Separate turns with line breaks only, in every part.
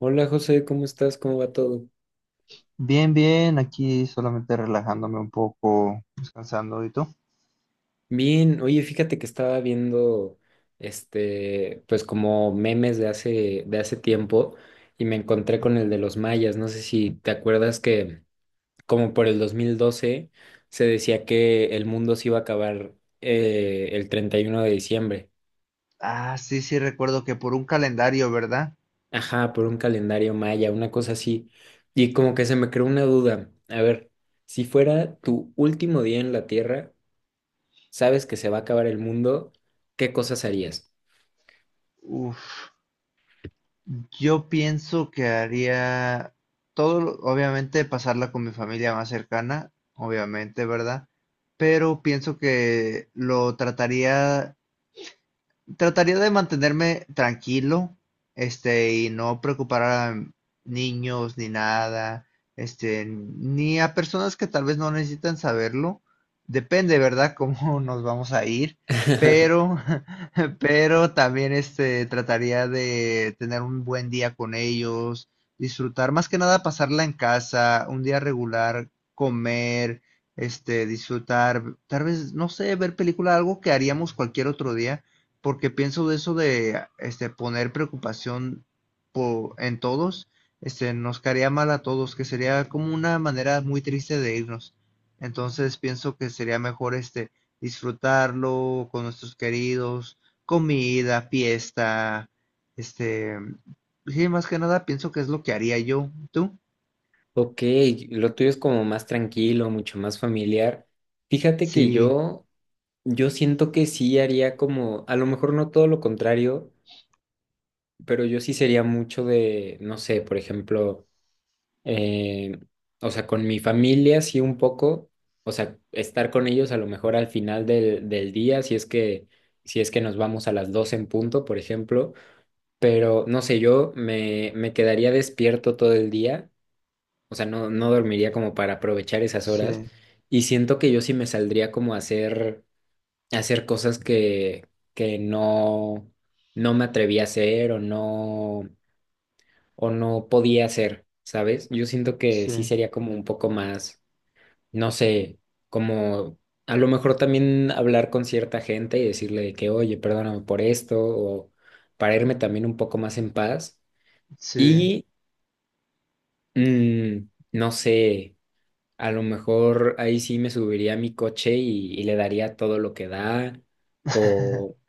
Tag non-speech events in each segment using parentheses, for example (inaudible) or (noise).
Hola José, ¿cómo estás? ¿Cómo va todo?
Bien, bien, aquí solamente relajándome un poco, descansando. ¿Y tú?
Bien, oye, fíjate que estaba viendo pues como memes de hace tiempo y me encontré con el de los mayas. No sé si te acuerdas que como por el 2012 se decía que el mundo se iba a acabar el 31 de diciembre.
Ah, sí, sí, recuerdo que por un calendario, ¿verdad?
Ajá, por un calendario maya, una cosa así. Y como que se me creó una duda. A ver, si fuera tu último día en la Tierra, sabes que se va a acabar el mundo, ¿qué cosas harías?
Uf, yo pienso que haría todo, obviamente pasarla con mi familia más cercana, obviamente, ¿verdad? Pero pienso que lo trataría Trataría de mantenerme tranquilo, y no preocupar a niños ni nada, ni a personas que tal vez no necesitan saberlo. Depende, ¿verdad?, cómo (laughs) nos vamos a ir,
(laughs)
pero, (laughs) pero también trataría de tener un buen día con ellos, disfrutar, más que nada pasarla en casa, un día regular, comer, disfrutar, tal vez, no sé, ver película, algo que haríamos cualquier otro día porque pienso de eso de poner preocupación en todos, nos caería mal a todos, que sería como una manera muy triste de irnos. Entonces pienso que sería mejor disfrutarlo con nuestros queridos, comida, fiesta, este, sí, más que nada pienso que es lo que haría yo. ¿Tú?
Ok, lo tuyo es como más tranquilo, mucho más familiar. Fíjate que
Sí,
yo, yo siento que sí haría como, a lo mejor no todo lo contrario, pero yo sí sería mucho de, no sé, por ejemplo, eh, o sea, con mi familia sí un poco, o sea, estar con ellos a lo mejor al final del día, si es que, si es que nos vamos a las 12 en punto, por ejemplo. Pero no sé, me quedaría despierto todo el día, o sea, no dormiría como para aprovechar esas horas
sí,
y siento que yo sí me saldría como a hacer cosas que no, no me atreví a hacer o no podía hacer, ¿sabes? Yo siento que sí
sí,
sería como un poco más, no sé, como a lo mejor también hablar con cierta gente y decirle de que, oye, perdóname por esto o para irme también un poco más en paz.
sí,
Y mm, no sé, a lo mejor ahí sí me subiría a mi coche y le daría todo lo que da, o,
(laughs)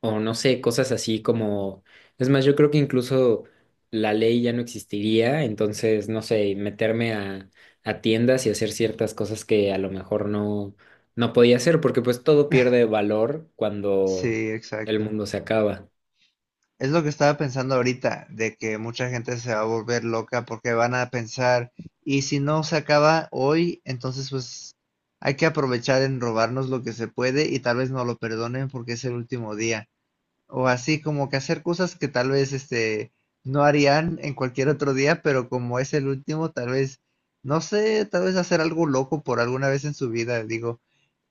o no sé, cosas así como, es más, yo creo que incluso la ley ya no existiría, entonces, no sé, meterme a tiendas y hacer ciertas cosas que a lo mejor no, no podía hacer, porque pues todo pierde valor cuando
sí,
el
exacto.
mundo se acaba.
Es lo que estaba pensando ahorita, de que mucha gente se va a volver loca porque van a pensar, y si no se acaba hoy, entonces pues hay que aprovechar en robarnos lo que se puede y tal vez no lo perdonen porque es el último día. O así como que hacer cosas que tal vez no harían en cualquier otro día, pero como es el último, tal vez, no sé, tal vez hacer algo loco por alguna vez en su vida, digo,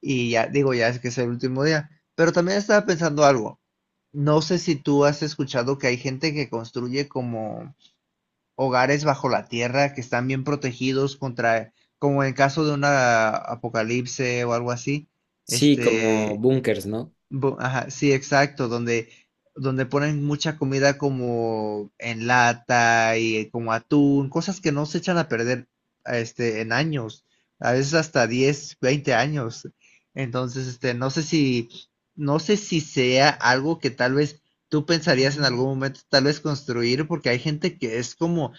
y ya, digo, ya es que es el último día. Pero también estaba pensando algo. No sé si tú has escuchado que hay gente que construye como hogares bajo la tierra que están bien protegidos contra, como en caso de una apocalipse o algo así,
Sí, como
este,
bunkers, ¿no?
Ajá, sí, exacto, donde, donde ponen mucha comida como en lata y como atún, cosas que no se echan a perder en años, a veces hasta 10-20 años. Entonces, no sé si, no sé si sea algo que tal vez tú pensarías en algún momento tal vez construir, porque hay gente que es como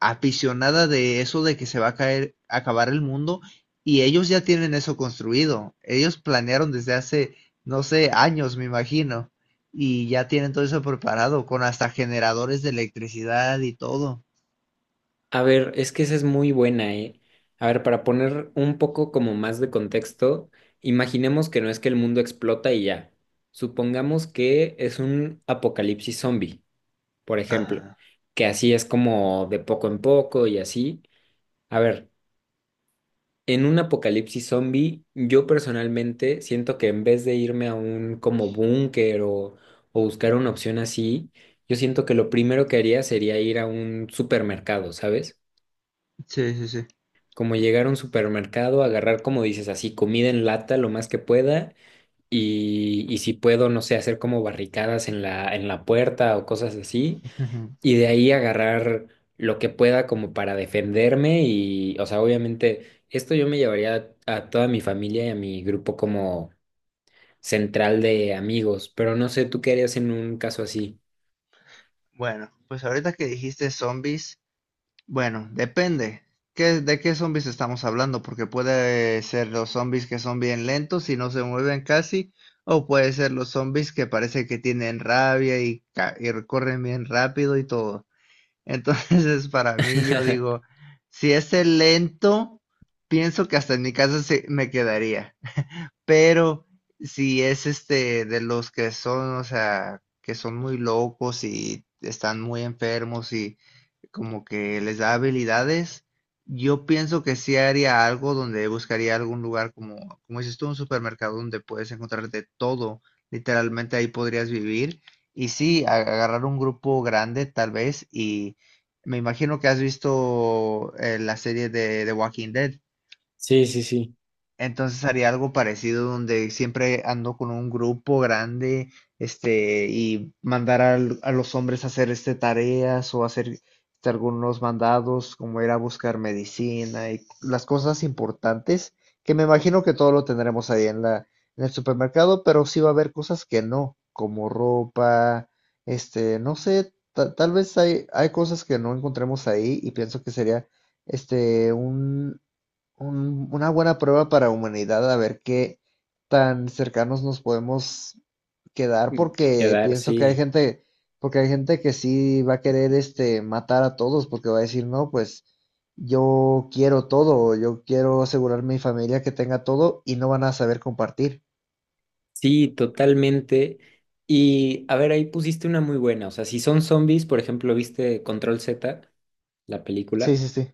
aficionada de eso de que se va a caer, acabar el mundo, y ellos ya tienen eso construido. Ellos planearon desde hace no sé, años, me imagino. Y ya tienen todo eso preparado, con hasta generadores de electricidad y todo.
A ver, es que esa es muy buena, ¿eh? A ver, para poner un poco como más de contexto, imaginemos que no es que el mundo explota y ya. Supongamos que es un apocalipsis zombie, por ejemplo,
Ajá.
que así es como de poco en poco y así. A ver, en un apocalipsis zombie, yo personalmente siento que en vez de irme a un como búnker o buscar una opción así, yo siento que lo primero que haría sería ir a un supermercado, ¿sabes?
Sí, sí, sí.
Como llegar a un supermercado, agarrar, como dices, así comida en lata lo más que pueda y si puedo, no sé, hacer como barricadas en la puerta o cosas así
Ujú.
y de ahí agarrar lo que pueda como para defenderme y, o sea, obviamente esto yo me llevaría a toda mi familia y a mi grupo como central de amigos, pero no sé, ¿tú qué harías en un caso así?
Bueno, pues ahorita que dijiste zombies, bueno, depende. ¿Qué, de qué zombies estamos hablando? Porque puede ser los zombies que son bien lentos y no se mueven casi, o puede ser los zombies que parece que tienen rabia y y corren bien rápido y todo. Entonces, (laughs) para mí, yo digo, si es el lento, pienso que hasta en mi casa me quedaría pero si es este de los que son, o sea, que son muy locos y están muy enfermos y como que les da habilidades, yo pienso que sí haría algo donde buscaría algún lugar como, como dices tú, un supermercado donde puedes encontrar de todo, literalmente ahí podrías vivir y sí, agarrar un grupo grande tal vez y me imagino que has visto la serie de The Walking Dead.
Sí, sí, sí.
Entonces haría algo parecido donde siempre ando con un grupo grande, y mandar a los hombres a hacer tareas o hacer algunos mandados, como ir a buscar medicina y las cosas importantes, que me imagino que todo lo tendremos ahí en la, en el supermercado, pero sí va a haber cosas que no, como ropa, no sé, tal vez hay, hay cosas que no encontremos ahí y pienso que sería, un una buena prueba para humanidad, a ver qué tan cercanos nos podemos quedar,
Mm,
porque
quedar,
pienso que hay
sí.
gente, porque hay gente que sí va a querer matar a todos, porque va a decir, no, pues yo quiero todo, yo quiero asegurar mi familia que tenga todo y no van a saber compartir.
Sí, totalmente. Y a ver, ahí pusiste una muy buena. O sea, si son zombies, por ejemplo, ¿viste Control Z, la
Sí,
película?
sí, sí.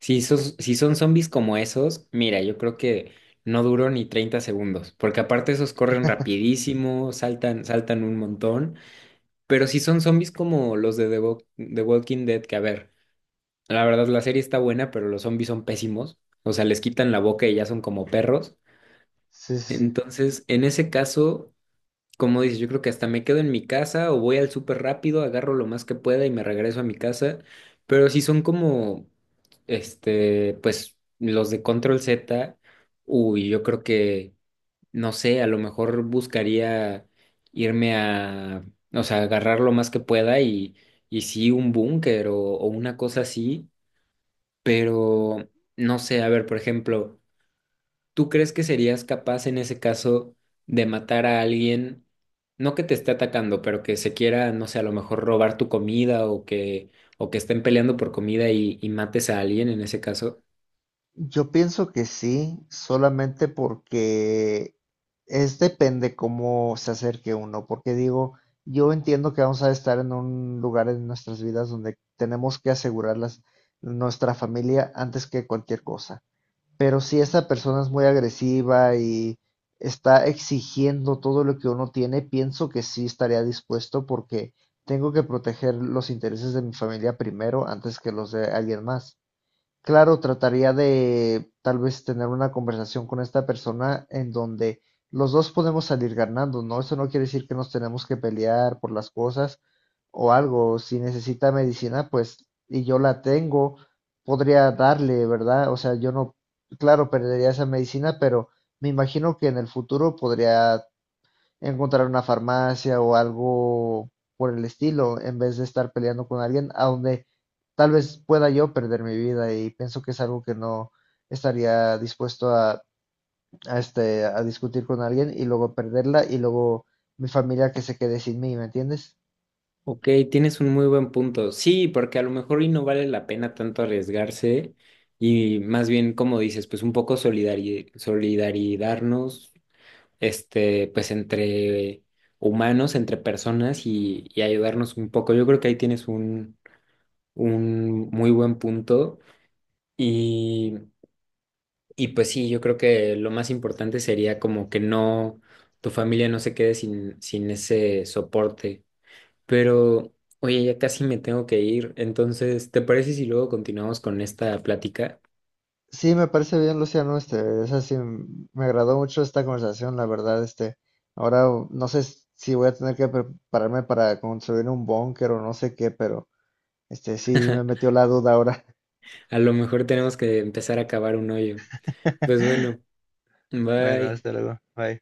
Si son, si son zombies como esos, mira, yo creo que no duró ni 30 segundos, porque aparte esos corren rapidísimo, saltan, saltan un montón. Pero si son zombies como los de The Walking Dead, que a ver, la verdad la serie está buena, pero los zombies son pésimos. O sea, les quitan la boca y ya son como perros.
Sí, sí, sí.
Entonces, en ese caso... Como dices, yo creo que hasta me quedo en mi casa o voy al súper rápido, agarro lo más que pueda y me regreso a mi casa. Pero si son como, este, pues los de Control Z, uy, yo creo que, no sé, a lo mejor buscaría irme a, o sea, agarrar lo más que pueda y sí, un búnker o una cosa así. Pero, no sé, a ver, por ejemplo. ¿Tú crees que serías capaz en ese caso de matar a alguien, no que te esté atacando, pero que se quiera, no sé, a lo mejor robar tu comida o que estén peleando por comida y mates a alguien en ese caso?
Yo pienso que sí, solamente porque es depende cómo se acerque uno, porque digo, yo entiendo que vamos a estar en un lugar en nuestras vidas donde tenemos que asegurar nuestra familia antes que cualquier cosa. Pero si esa persona es muy agresiva y está exigiendo todo lo que uno tiene, pienso que sí estaría dispuesto porque tengo que proteger los intereses de mi familia primero antes que los de alguien más. Claro, trataría de tal vez tener una conversación con esta persona en donde los dos podemos salir ganando, ¿no? Eso no quiere decir que nos tenemos que pelear por las cosas o algo. Si necesita medicina, pues, y yo la tengo, podría darle, ¿verdad? O sea, yo no, claro, perdería esa medicina, pero me imagino que en el futuro podría encontrar una farmacia o algo por el estilo, en vez de estar peleando con alguien a donde tal vez pueda yo perder mi vida y pienso que es algo que no estaría dispuesto a discutir con alguien y luego perderla y luego mi familia que se quede sin mí, ¿me entiendes?
Ok, tienes un muy buen punto. Sí, porque a lo mejor y no vale la pena tanto arriesgarse y más bien, como dices, pues un poco solidarizarnos, este, pues entre humanos, entre personas y ayudarnos un poco. Yo creo que ahí tienes un muy buen punto. Y, y pues sí, yo creo que lo más importante sería como que no, tu familia no se quede sin ese soporte. Pero, oye, ya casi me tengo que ir. Entonces, ¿te parece si luego continuamos con esta plática?
Sí, me parece bien, Luciano, es así, me agradó mucho esta conversación, la verdad, ahora no sé si voy a tener que prepararme para construir un búnker o no sé qué, pero este sí me
(laughs)
metió la duda ahora.
A lo mejor tenemos que empezar a cavar un hoyo. Pues bueno,
Bueno,
bye.
hasta luego. Bye.